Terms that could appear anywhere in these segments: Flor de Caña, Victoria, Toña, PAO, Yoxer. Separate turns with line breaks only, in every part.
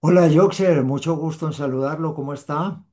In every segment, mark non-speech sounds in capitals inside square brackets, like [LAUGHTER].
Hola, Yoxer, mucho gusto en saludarlo. ¿Cómo está?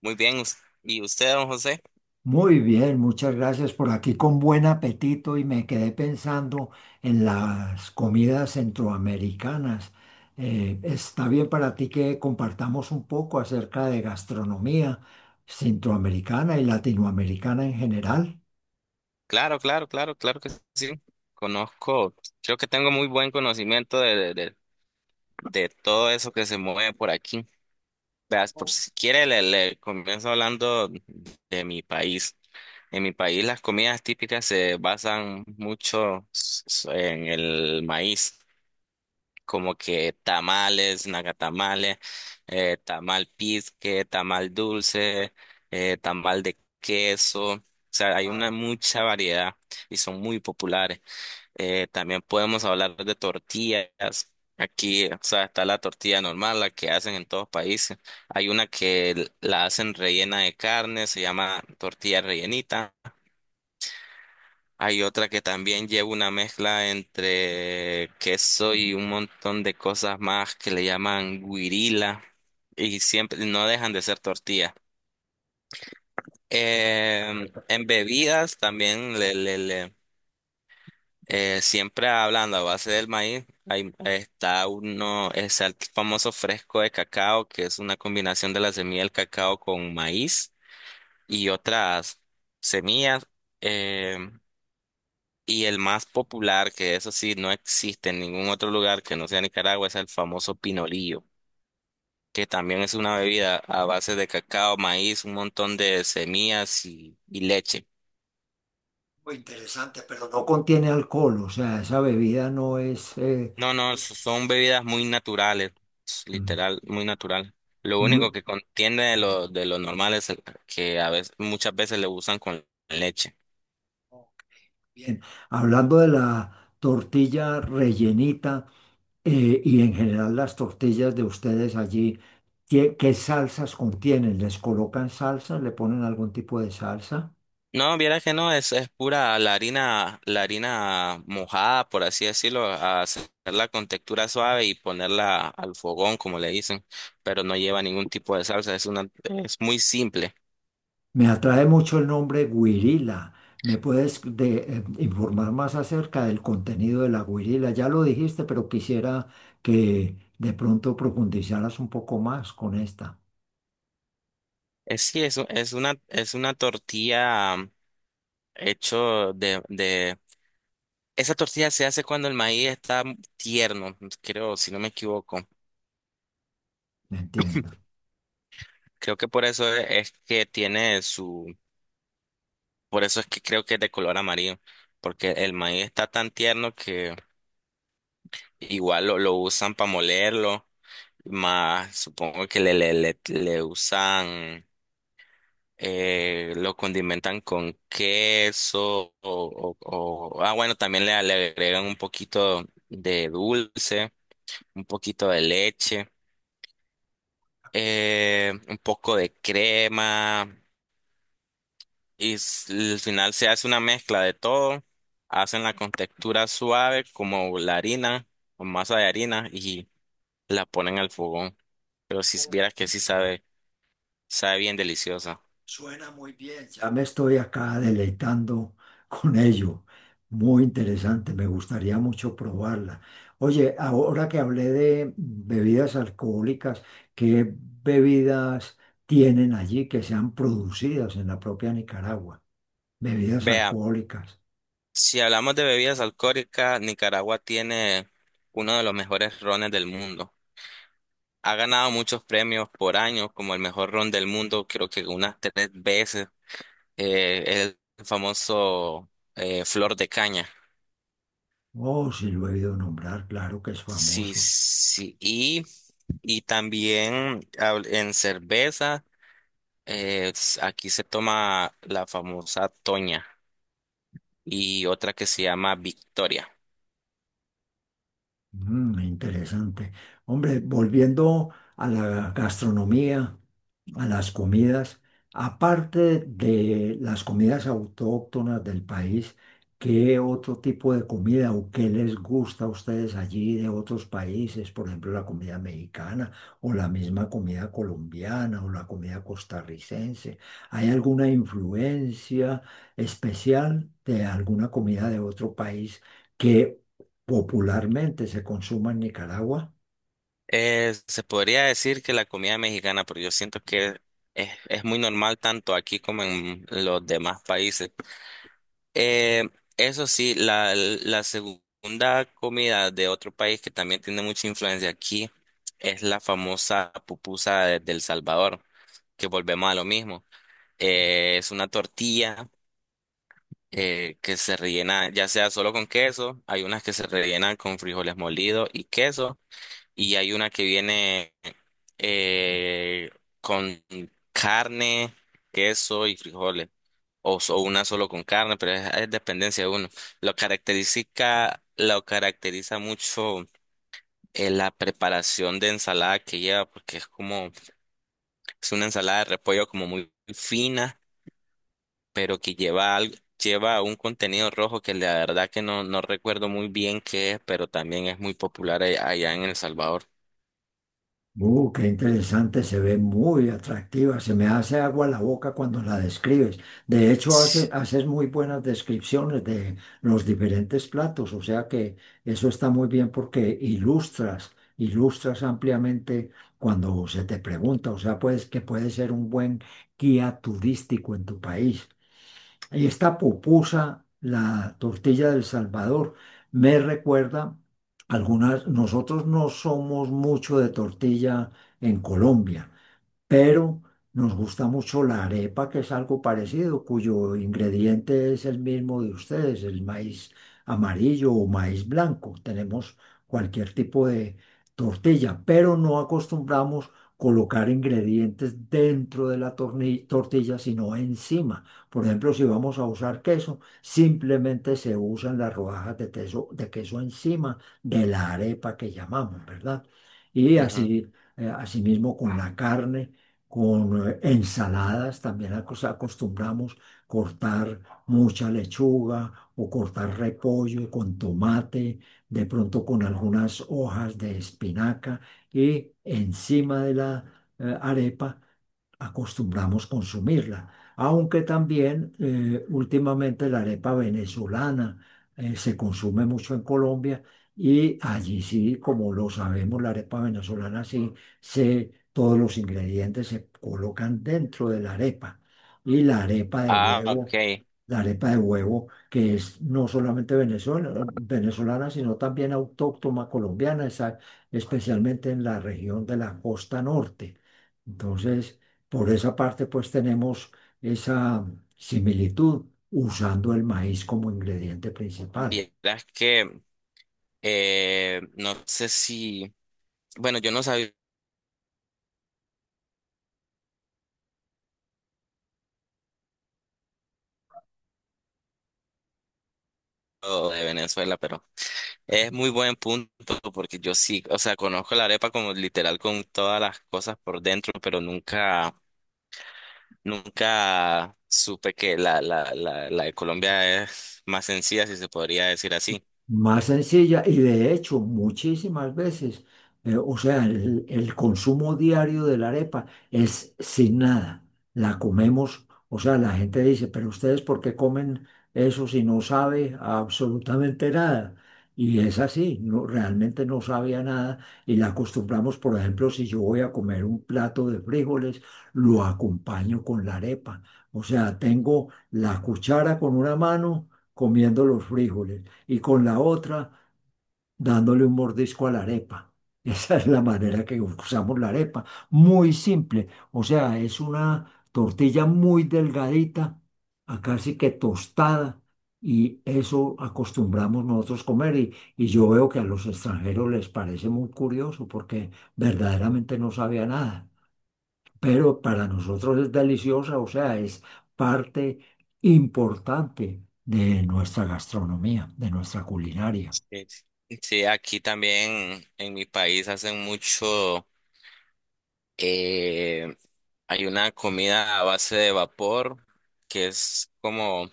Muy bien, ¿y usted, don José?
Muy bien, muchas gracias, por aquí con buen apetito y me quedé pensando en las comidas centroamericanas. ¿Está bien para ti que compartamos un poco acerca de gastronomía centroamericana y latinoamericana en general?
Claro, claro, claro, claro que sí. Conozco, creo que tengo muy buen conocimiento de todo eso que se mueve por aquí. Veas, por si quiere, le comienzo hablando de mi país. En mi país las comidas típicas se basan mucho en el maíz. Como que tamales, nagatamales, tamal pizque, tamal dulce, tamal de queso. O sea, hay una mucha variedad y son muy populares. También podemos hablar de tortillas. Aquí, o sea, está la tortilla normal, la que hacen en todos países. Hay una que la hacen rellena de carne, se llama tortilla rellenita. Hay otra que también lleva una mezcla entre queso y un montón de cosas más que le llaman guirila y siempre no dejan de ser tortilla. En bebidas también siempre hablando a base del maíz, está uno, es el famoso fresco de cacao, que es una combinación de la semilla del cacao con maíz y otras semillas. em, Y el más popular, que eso sí no existe en ningún otro lugar que no sea Nicaragua, es el famoso pinolillo, que también es una bebida a base de cacao, maíz, un montón de semillas y leche.
Muy interesante, pero no contiene alcohol, o sea, esa bebida no es
No, no, son bebidas muy naturales,
mm,
literal, muy natural. Lo
muy
único que contiene de lo normal es que a veces, muchas veces le usan con leche.
bien. Hablando de la tortilla rellenita. Y en general las tortillas de ustedes allí, ¿qué, qué salsas contienen? ¿Les colocan salsa? ¿Le ponen algún tipo de salsa?
No, viera que no, es pura la harina mojada, por así decirlo, a hacerla con textura suave y ponerla al fogón, como le dicen, pero no lleva ningún tipo de salsa, es muy simple.
Me atrae mucho el nombre guirila. ¿Me puedes informar más acerca del contenido de la guirila? Ya lo dijiste, pero quisiera que de pronto profundizaras un poco más con esta.
Es sí, es, u- es una tortilla hecho esa tortilla se hace cuando el maíz está tierno, creo, si no me equivoco.
¿Me entiendo?
Creo que por eso es que tiene su, por eso es que creo que es de color amarillo, porque el maíz está tan tierno que igual lo usan para molerlo, más supongo que le usan, lo condimentan con queso ah, bueno, también le agregan un poquito de dulce, un poquito de leche, un poco de crema y al final se hace una mezcla de todo, hacen la con textura suave como la harina o masa de harina y la ponen al fogón. Pero si vieras que sí sabe, sabe bien deliciosa.
Suena muy bien, ya me estoy acá deleitando con ello. Muy interesante, me gustaría mucho probarla. Oye, ahora que hablé de bebidas alcohólicas, ¿qué bebidas tienen allí que sean producidas en la propia Nicaragua? Bebidas
Vea,
alcohólicas.
si hablamos de bebidas alcohólicas, Nicaragua tiene uno de los mejores rones del mundo. Ha ganado muchos premios por año, como el mejor ron del mundo, creo que unas tres veces. El famoso Flor de Caña.
Oh, sí lo he oído nombrar, claro que es
Sí,
famoso.
sí. Y también en cerveza, aquí se toma la famosa Toña y otra que se llama Victoria.
Mm, interesante. Hombre, volviendo a la gastronomía, a las comidas, aparte de las comidas autóctonas del país, ¿qué otro tipo de comida o qué les gusta a ustedes allí de otros países? Por ejemplo, la comida mexicana o la misma comida colombiana o la comida costarricense. ¿Hay alguna influencia especial de alguna comida de otro país que popularmente se consuma en Nicaragua?
Se podría decir que la comida mexicana, pero yo siento que es muy normal tanto aquí como en los demás países. Eh, Eso sí, la segunda comida de otro país que también tiene mucha influencia aquí es la famosa pupusa del Salvador, que volvemos a lo mismo. Es una tortilla que se rellena ya sea solo con queso, hay unas que se rellenan con frijoles molidos y queso y hay una que viene eh, con carne, queso y frijoles, una solo con carne, pero es dependencia de uno. Lo caracteriza mucho la preparación de ensalada que lleva, porque es como, es una ensalada de repollo como muy fina, pero que lleva algo. Lleva un contenido rojo que la verdad que no, no recuerdo muy bien qué es, pero también es muy popular allá en El Salvador.
Qué interesante, se ve muy atractiva, se me hace agua la boca cuando la describes. De hecho, haces muy buenas descripciones de los diferentes platos, o sea que eso está muy bien porque ilustras, ilustras ampliamente cuando se te pregunta, o sea, pues que puede ser un buen guía turístico en tu país. Y esta pupusa, la tortilla del Salvador, me recuerda algunas, nosotros no somos mucho de tortilla en Colombia, pero nos gusta mucho la arepa, que es algo parecido, cuyo ingrediente es el mismo de ustedes, el maíz amarillo o maíz blanco. Tenemos cualquier tipo de tortilla, pero no acostumbramos colocar ingredientes dentro de la tortilla, sino encima. Por ejemplo, si vamos a usar queso, simplemente se usan las rodajas de queso encima de la arepa que llamamos, ¿verdad? Y
Ujú.
así, asimismo con la carne, con ensaladas, también acostumbramos cortar mucha lechuga o cortar repollo con tomate, de pronto con algunas hojas de espinaca y encima de la arepa acostumbramos consumirla. Aunque también, últimamente la arepa venezolana se consume mucho en Colombia, y allí sí, como lo sabemos, la arepa venezolana sí se, todos los ingredientes se colocan dentro de la arepa. Y la arepa de
Ah,
huevo,
ok.
la arepa de huevo que es no solamente venezolana, venezolana, sino también autóctona colombiana, especialmente en la región de la costa norte. Entonces, por esa parte, pues tenemos esa similitud usando el maíz como ingrediente principal.
Vieras que no sé si, bueno, yo no sabía lo de Venezuela, pero es muy buen punto porque yo sí, o sea, conozco la arepa como literal con todas las cosas por dentro, pero nunca, nunca supe que la de Colombia es más sencilla, si se podría decir así.
Más sencilla, y de hecho muchísimas veces, o sea, el consumo diario de la arepa es sin nada, la comemos, o sea, la gente dice, pero ustedes ¿por qué comen eso si no sabe absolutamente nada? Y es así, no, realmente no sabía nada, y la acostumbramos, por ejemplo, si yo voy a comer un plato de frijoles, lo acompaño con la arepa, o sea, tengo la cuchara con una mano comiendo los frijoles y con la otra dándole un mordisco a la arepa. [LAUGHS] Esa es la manera que usamos la arepa. Muy simple. O sea, es una tortilla muy delgadita, a casi que tostada. Y eso acostumbramos nosotros comer, y yo veo que a los extranjeros les parece muy curioso porque verdaderamente no sabía nada. Pero para nosotros es deliciosa, o sea, es parte importante de nuestra gastronomía, de nuestra culinaria.
Sí, sí, aquí también en mi país hacen mucho. Eh, Hay una comida a base de vapor que es como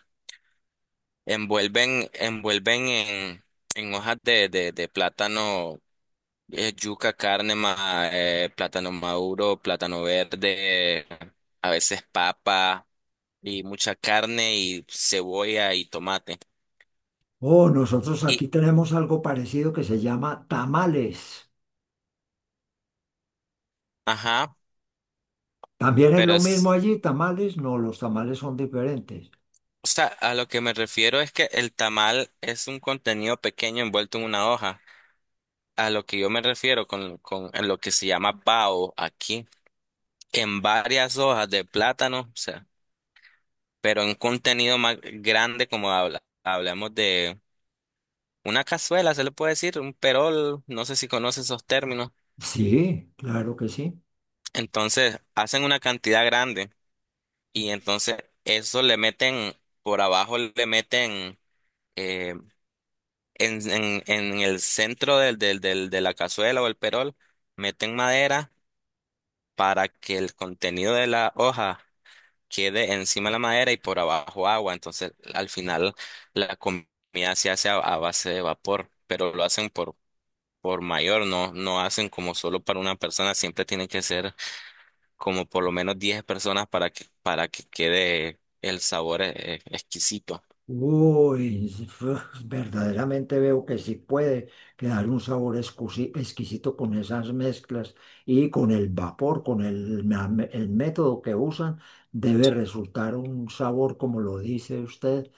envuelven en hojas de plátano, yuca, carne, plátano maduro, plátano verde, a veces papa y mucha carne y cebolla y tomate.
Oh, nosotros aquí
Y,
tenemos algo parecido que se llama tamales.
ajá,
¿También es
pero
lo mismo
es,
allí, tamales? No, los tamales son diferentes.
o sea, a lo que me refiero es que el tamal es un contenido pequeño envuelto en una hoja. A lo que yo me refiero con en lo que se llama PAO aquí, en varias hojas de plátano, o sea, pero en contenido más grande como hablamos de una cazuela, se le puede decir, un perol, no sé si conoce esos términos.
Sí, claro que sí.
Entonces, hacen una cantidad grande y entonces eso le meten, por abajo le meten eh, en el centro de la cazuela o el perol, meten madera para que el contenido de la hoja quede encima de la madera y por abajo agua. Entonces, al final, la comida se hace a base de vapor, pero lo hacen por mayor, no, no hacen como solo para una persona, siempre tiene que ser como por lo menos 10 personas para que quede el sabor exquisito.
Uy, [LAUGHS] verdaderamente veo que sí puede quedar un sabor exquisito con esas mezclas y con el vapor, con el, el método que usan, debe resultar un sabor, como lo dice usted,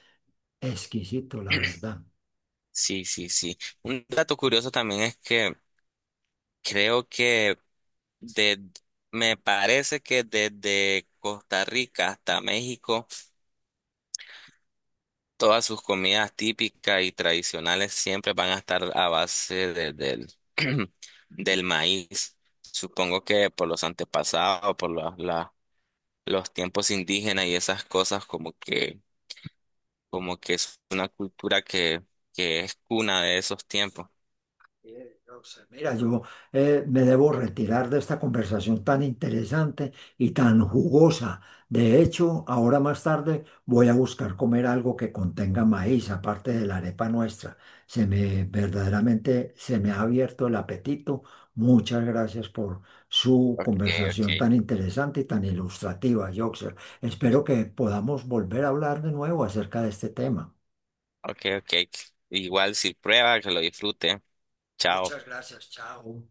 exquisito, la verdad.
Sí, sí, sí. Un dato curioso también es que creo que de, me parece que desde Costa Rica hasta México, todas sus comidas típicas y tradicionales siempre van a estar a [CLEARS THROAT] del maíz. Supongo que por los antepasados, por los tiempos indígenas y esas cosas, como que es una cultura que es cuna de esos tiempos.
Mira, yo, me debo retirar de esta conversación tan interesante y tan jugosa. De hecho, ahora más tarde voy a buscar comer algo que contenga maíz, aparte de la arepa nuestra. Se me, verdaderamente se me ha abierto el apetito. Muchas gracias por su
Ok, ok,
conversación tan interesante y tan ilustrativa, Yoxer. Espero que podamos volver a hablar de nuevo acerca de este tema.
ok, ok. Igual si prueba, que lo disfrute. Chao.
Muchas gracias, chao.